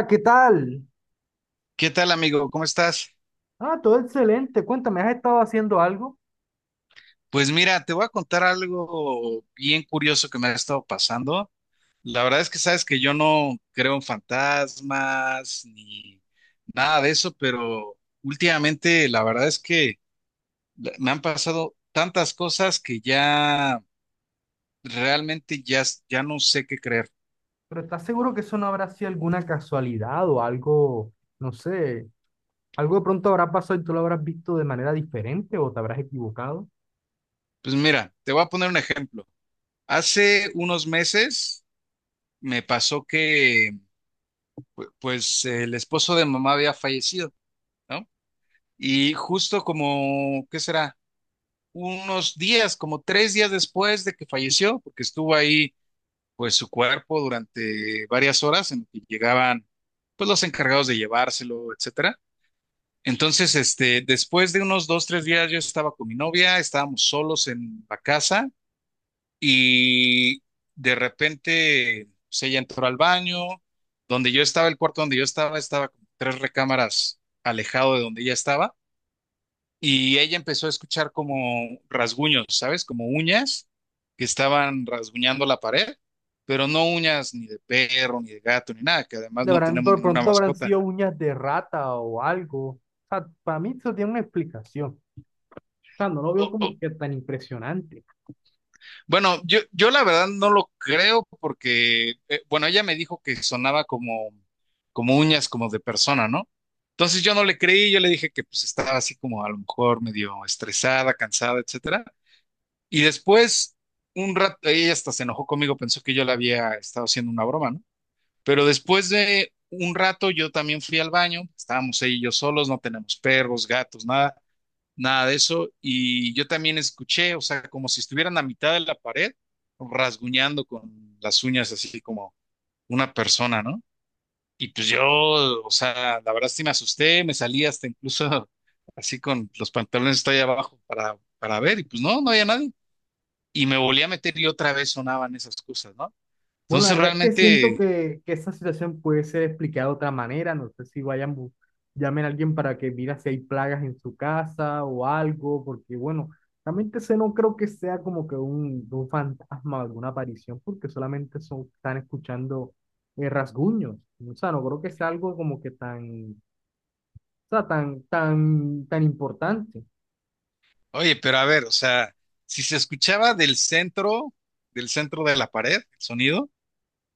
Hola, ¿qué tal? ¿Qué tal, amigo? ¿Cómo estás? Ah, todo excelente. Cuéntame, ¿has estado haciendo algo? Pues mira, te voy a contar algo bien curioso que me ha estado pasando. La verdad es que sabes que yo no creo en fantasmas ni nada de eso, pero últimamente la verdad es que me han pasado tantas cosas que ya realmente ya no sé qué creer. Pero ¿estás seguro que eso no habrá sido alguna casualidad o algo, no sé, algo de pronto habrá pasado y tú lo habrás visto de manera diferente o te habrás equivocado? Pues mira, te voy a poner un ejemplo. Hace unos meses me pasó que pues el esposo de mamá había fallecido. ¿No? Y justo como, ¿qué será? Unos días, como 3 días después de que falleció, porque estuvo ahí, pues su cuerpo durante varias horas en que llegaban, pues los encargados de llevárselo, etcétera. Entonces, después de unos 2, 3 días, yo estaba con mi novia, estábamos solos en la casa y de repente, pues ella entró al baño, donde yo estaba, el cuarto donde yo estaba, estaba como tres recámaras alejado de donde ella estaba. Y ella empezó a escuchar como rasguños, ¿sabes? Como uñas que estaban rasguñando la pared, pero no uñas ni de perro, ni de gato, ni nada, que además De no verdad, tenemos de ninguna pronto habrán mascota. sido uñas de rata o algo. O sea, para mí eso tiene una explicación. O sea, no lo veo O- o- como que tan impresionante. Bueno, yo la verdad no lo creo porque, bueno, ella me dijo que sonaba como, como uñas como de persona, ¿no? Entonces yo no le creí, yo le dije que pues estaba así como a lo mejor medio estresada, cansada, etcétera. Y después, un rato, ella hasta se enojó conmigo, pensó que yo le había estado haciendo una broma, ¿no? Pero después de un rato yo también fui al baño, estábamos ella y yo solos, no tenemos perros, gatos, nada, nada de eso. Y yo también escuché, o sea, como si estuvieran a mitad de la pared, rasguñando con las uñas así como una persona, ¿no? Y pues yo, o sea, la verdad sí me asusté, me salí hasta incluso así con los pantalones hasta ahí abajo para ver, y pues no, no había nadie y me volví a meter y otra vez sonaban esas cosas, ¿no? Bueno, la Entonces verdad es que siento realmente, que esa situación puede ser explicada de otra manera. No sé si vayan, llamen a alguien para que mira si hay plagas en su casa o algo, porque bueno, realmente ese no creo que sea como que un fantasma o alguna aparición, porque solamente son, están escuchando rasguños. O sea, no creo que sea algo como que tan, o sea, tan, tan, tan importante. oye, pero a ver, o sea, si se escuchaba del centro de la pared, el sonido,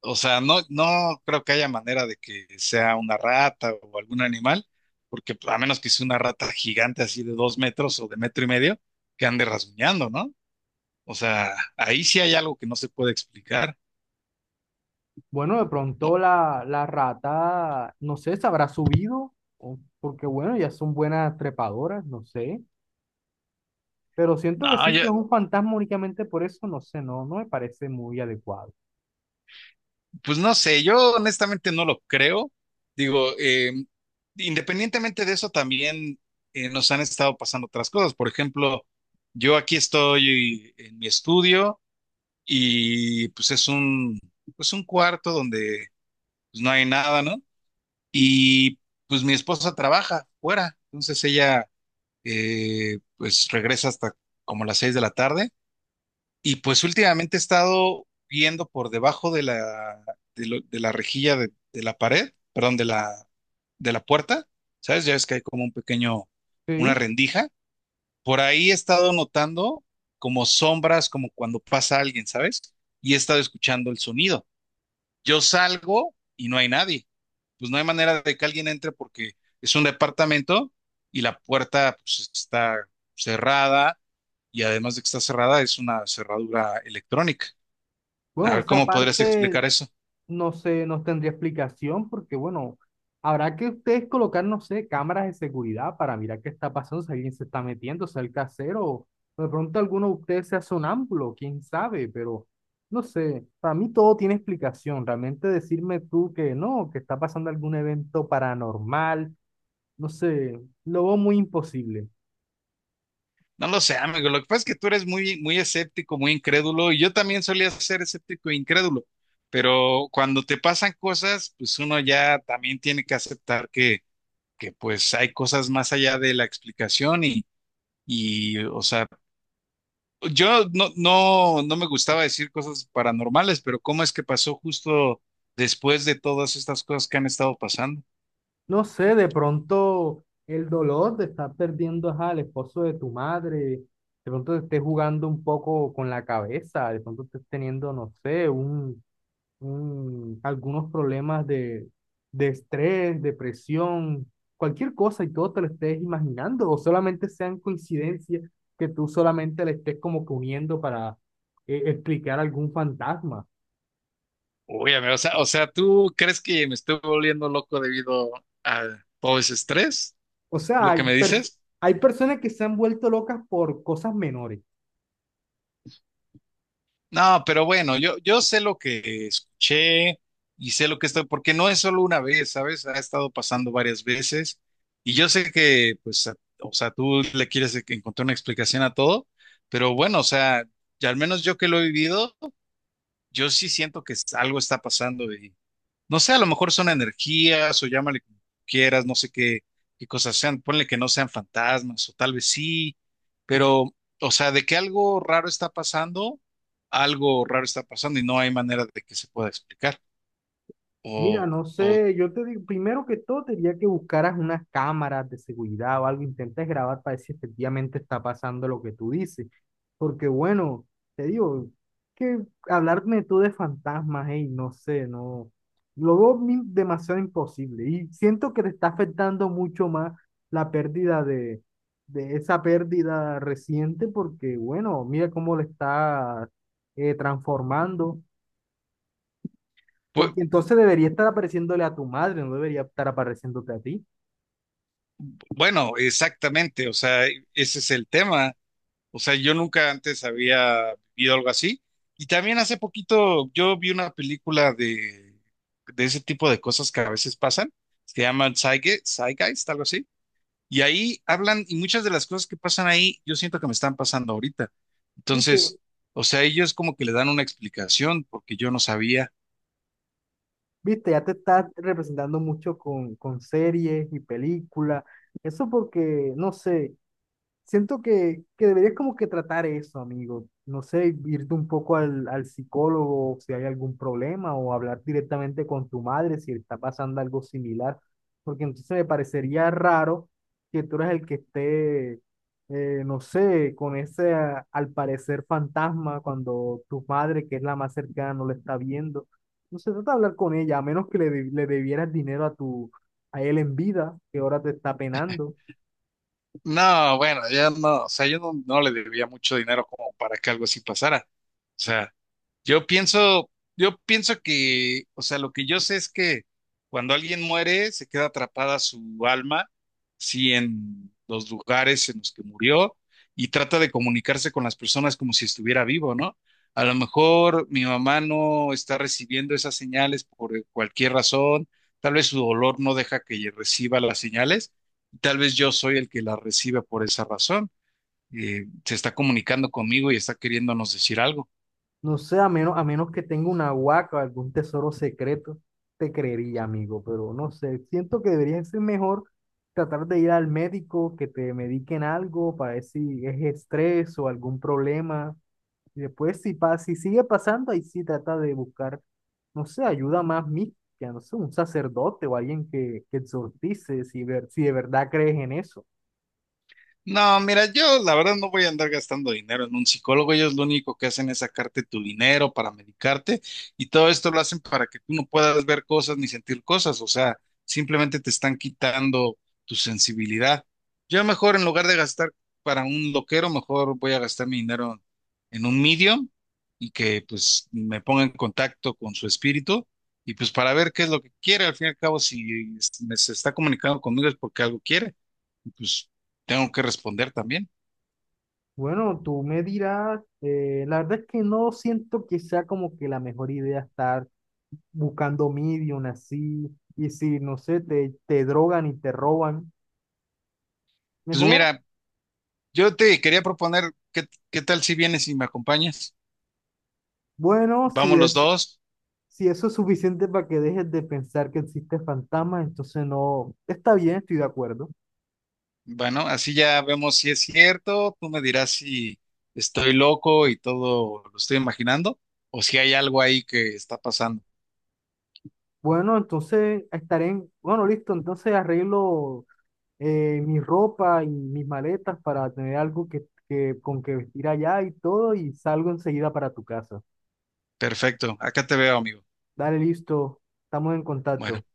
o sea, no, no creo que haya manera de que sea una rata o algún animal, porque pues, a menos que sea una rata gigante así de 2 metros o de metro y medio, que ande rasguñando, ¿no? O sea, ahí sí hay algo que no se puede explicar. Bueno, de No, pronto la rata, no sé, se habrá subido, porque bueno, ya son buenas trepadoras, no sé. Pero siento que no, sí, que es un fantasma únicamente por eso, no sé, no, no me parece muy adecuado. pues no sé, yo honestamente no lo creo. Digo, independientemente de eso, también nos han estado pasando otras cosas. Por ejemplo, yo aquí estoy en mi estudio y pues es pues un cuarto donde pues, no hay nada, ¿no? Y pues mi esposa trabaja fuera, entonces ella pues regresa hasta como las 6 de la tarde y pues últimamente he estado viendo por debajo de la, de la rejilla de la pared, perdón, de la puerta, ¿sabes? Ya ves que hay como una Sí, rendija. Por ahí he estado notando como sombras, como cuando pasa alguien, ¿sabes? Y he estado escuchando el sonido. Yo salgo y no hay nadie. Pues no hay manera de que alguien entre porque es un departamento y la puerta pues, está cerrada y además de que está cerrada es una cerradura electrónica. A bueno, ver, esa ¿cómo podrías parte explicar eso? no sé, no tendría explicación porque, bueno, habrá que ustedes colocar, no sé, cámaras de seguridad para mirar qué está pasando, si alguien se está metiendo, si el casero, o de pronto alguno de ustedes sea sonámbulo, quién sabe, pero no sé, para mí todo tiene explicación. Realmente decirme tú que no, que está pasando algún evento paranormal, no sé, lo veo muy imposible. No lo sé, amigo. Lo que pasa es que tú eres muy, muy escéptico, muy incrédulo, y yo también solía ser escéptico e incrédulo. Pero cuando te pasan cosas, pues uno ya también tiene que aceptar que pues hay cosas más allá de la explicación y, o sea, yo no me gustaba decir cosas paranormales, pero ¿cómo es que pasó justo después de todas estas cosas que han estado pasando? No sé, de pronto el dolor de estar perdiendo ajá, al esposo de tu madre, de pronto te estés jugando un poco con la cabeza, de pronto estés teniendo, no sé, un, algunos problemas de estrés, depresión, cualquier cosa y todo te lo estés imaginando, o solamente sean coincidencias que tú solamente le estés como que uniendo para explicar algún fantasma. Uy, amigo, o sea, ¿tú crees que me estoy volviendo loco debido a todo ese estrés? O sea, ¿Lo hay, que me dices? hay personas que se han vuelto locas por cosas menores. No, pero bueno, yo sé lo que escuché y sé lo que estoy, porque no es solo una vez, ¿sabes? Ha estado pasando varias veces y yo sé que, pues, o sea, tú le quieres encontrar una explicación a todo, pero bueno, o sea, ya al menos yo que lo he vivido, yo sí siento que algo está pasando. No sé, a lo mejor son energías o llámale como quieras, no sé qué cosas sean, ponle que no sean fantasmas o tal vez sí, pero, o sea, de que algo raro está pasando, algo raro está pasando y no hay manera de que se pueda explicar. Mira, O, no o sé, yo te digo, primero que todo, te diría que buscaras unas cámaras de seguridad o algo, intentes grabar para ver si efectivamente está pasando lo que tú dices. Porque bueno, te digo, que hablarme tú de fantasmas, hey, no sé, no, lo veo demasiado imposible y siento que te está afectando mucho más la pérdida de esa pérdida reciente porque bueno, mira cómo le está transformando. pu- Porque entonces debería estar apareciéndole a tu madre, no debería estar apareciéndote a ti. bueno, exactamente, o sea, ese es el tema. O sea, yo nunca antes había vivido algo así. Y también hace poquito yo vi una película de ese tipo de cosas que a veces pasan. Se llaman Zeitgeist, algo así. Y ahí hablan, y muchas de las cosas que pasan ahí, yo siento que me están pasando ahorita. ¿Viste? Entonces, o sea, ellos como que le dan una explicación porque yo no sabía. ¿Viste? Ya te estás representando mucho con series y películas. Eso porque, no sé, siento que deberías como que tratar eso, amigo. No sé, irte un poco al, al psicólogo si hay algún problema o hablar directamente con tu madre si está pasando algo similar, porque entonces me parecería raro que tú eres el que esté, no sé, con ese al parecer fantasma cuando tu madre, que es la más cercana, no lo está viendo. No se trata de hablar con ella, a menos que le, le debieras dinero a tu, a él en vida, que ahora te está penando. No, bueno, ya no, o sea, yo no le debía mucho dinero como para que algo así pasara. O sea, Yo pienso, yo pienso que, o sea, lo que yo sé es que cuando alguien muere, se queda atrapada su alma, sí, en los lugares en los que murió y trata de comunicarse con las personas como si estuviera vivo, ¿no? A lo mejor mi mamá no está recibiendo esas señales por cualquier razón, tal vez su dolor no deja que ella reciba las señales, tal vez yo soy el que las recibe por esa razón. Se está comunicando conmigo y está queriéndonos decir algo. No sé, a menos que tenga una huaca o algún tesoro secreto, te creería, amigo, pero no sé. Siento que debería ser mejor tratar de ir al médico, que te mediquen algo para ver si es estrés o algún problema. Y después, si, si sigue pasando, ahí sí trata de buscar, no sé, ayuda más mística, no sé, un sacerdote o alguien que exorcice, si, ver, si de verdad crees en eso. No, mira, yo la verdad no voy a andar gastando dinero en un psicólogo. Ellos lo único que hacen es sacarte tu dinero para medicarte y todo esto lo hacen para que tú no puedas ver cosas ni sentir cosas. O sea, simplemente te están quitando tu sensibilidad. Yo mejor en lugar de gastar para un loquero, mejor voy a gastar mi dinero en un medium y que pues me ponga en contacto con su espíritu y pues para ver qué es lo que quiere. Al fin y al cabo, si me se está comunicando conmigo es porque algo quiere pues tengo que responder también. Bueno, tú me dirás, la verdad es que no siento que sea como que la mejor idea estar buscando medium así, y si, no sé, te drogan y te roban, Pues mejor. mira, yo te quería proponer, ¿qué tal si vienes y me acompañas? Bueno, si Vamos los es, dos. si eso es suficiente para que dejes de pensar que existe fantasma, entonces no, está bien, estoy de acuerdo. Bueno, así ya vemos si es cierto. Tú me dirás si estoy loco y todo lo estoy imaginando o si hay algo ahí que está pasando. Bueno, entonces estaré en, bueno, listo, entonces arreglo mi ropa y mis maletas para tener algo que, con que vestir allá y todo, y salgo enseguida para tu casa. Perfecto, acá te veo, amigo. Dale, listo, estamos en Bueno, contacto. ok.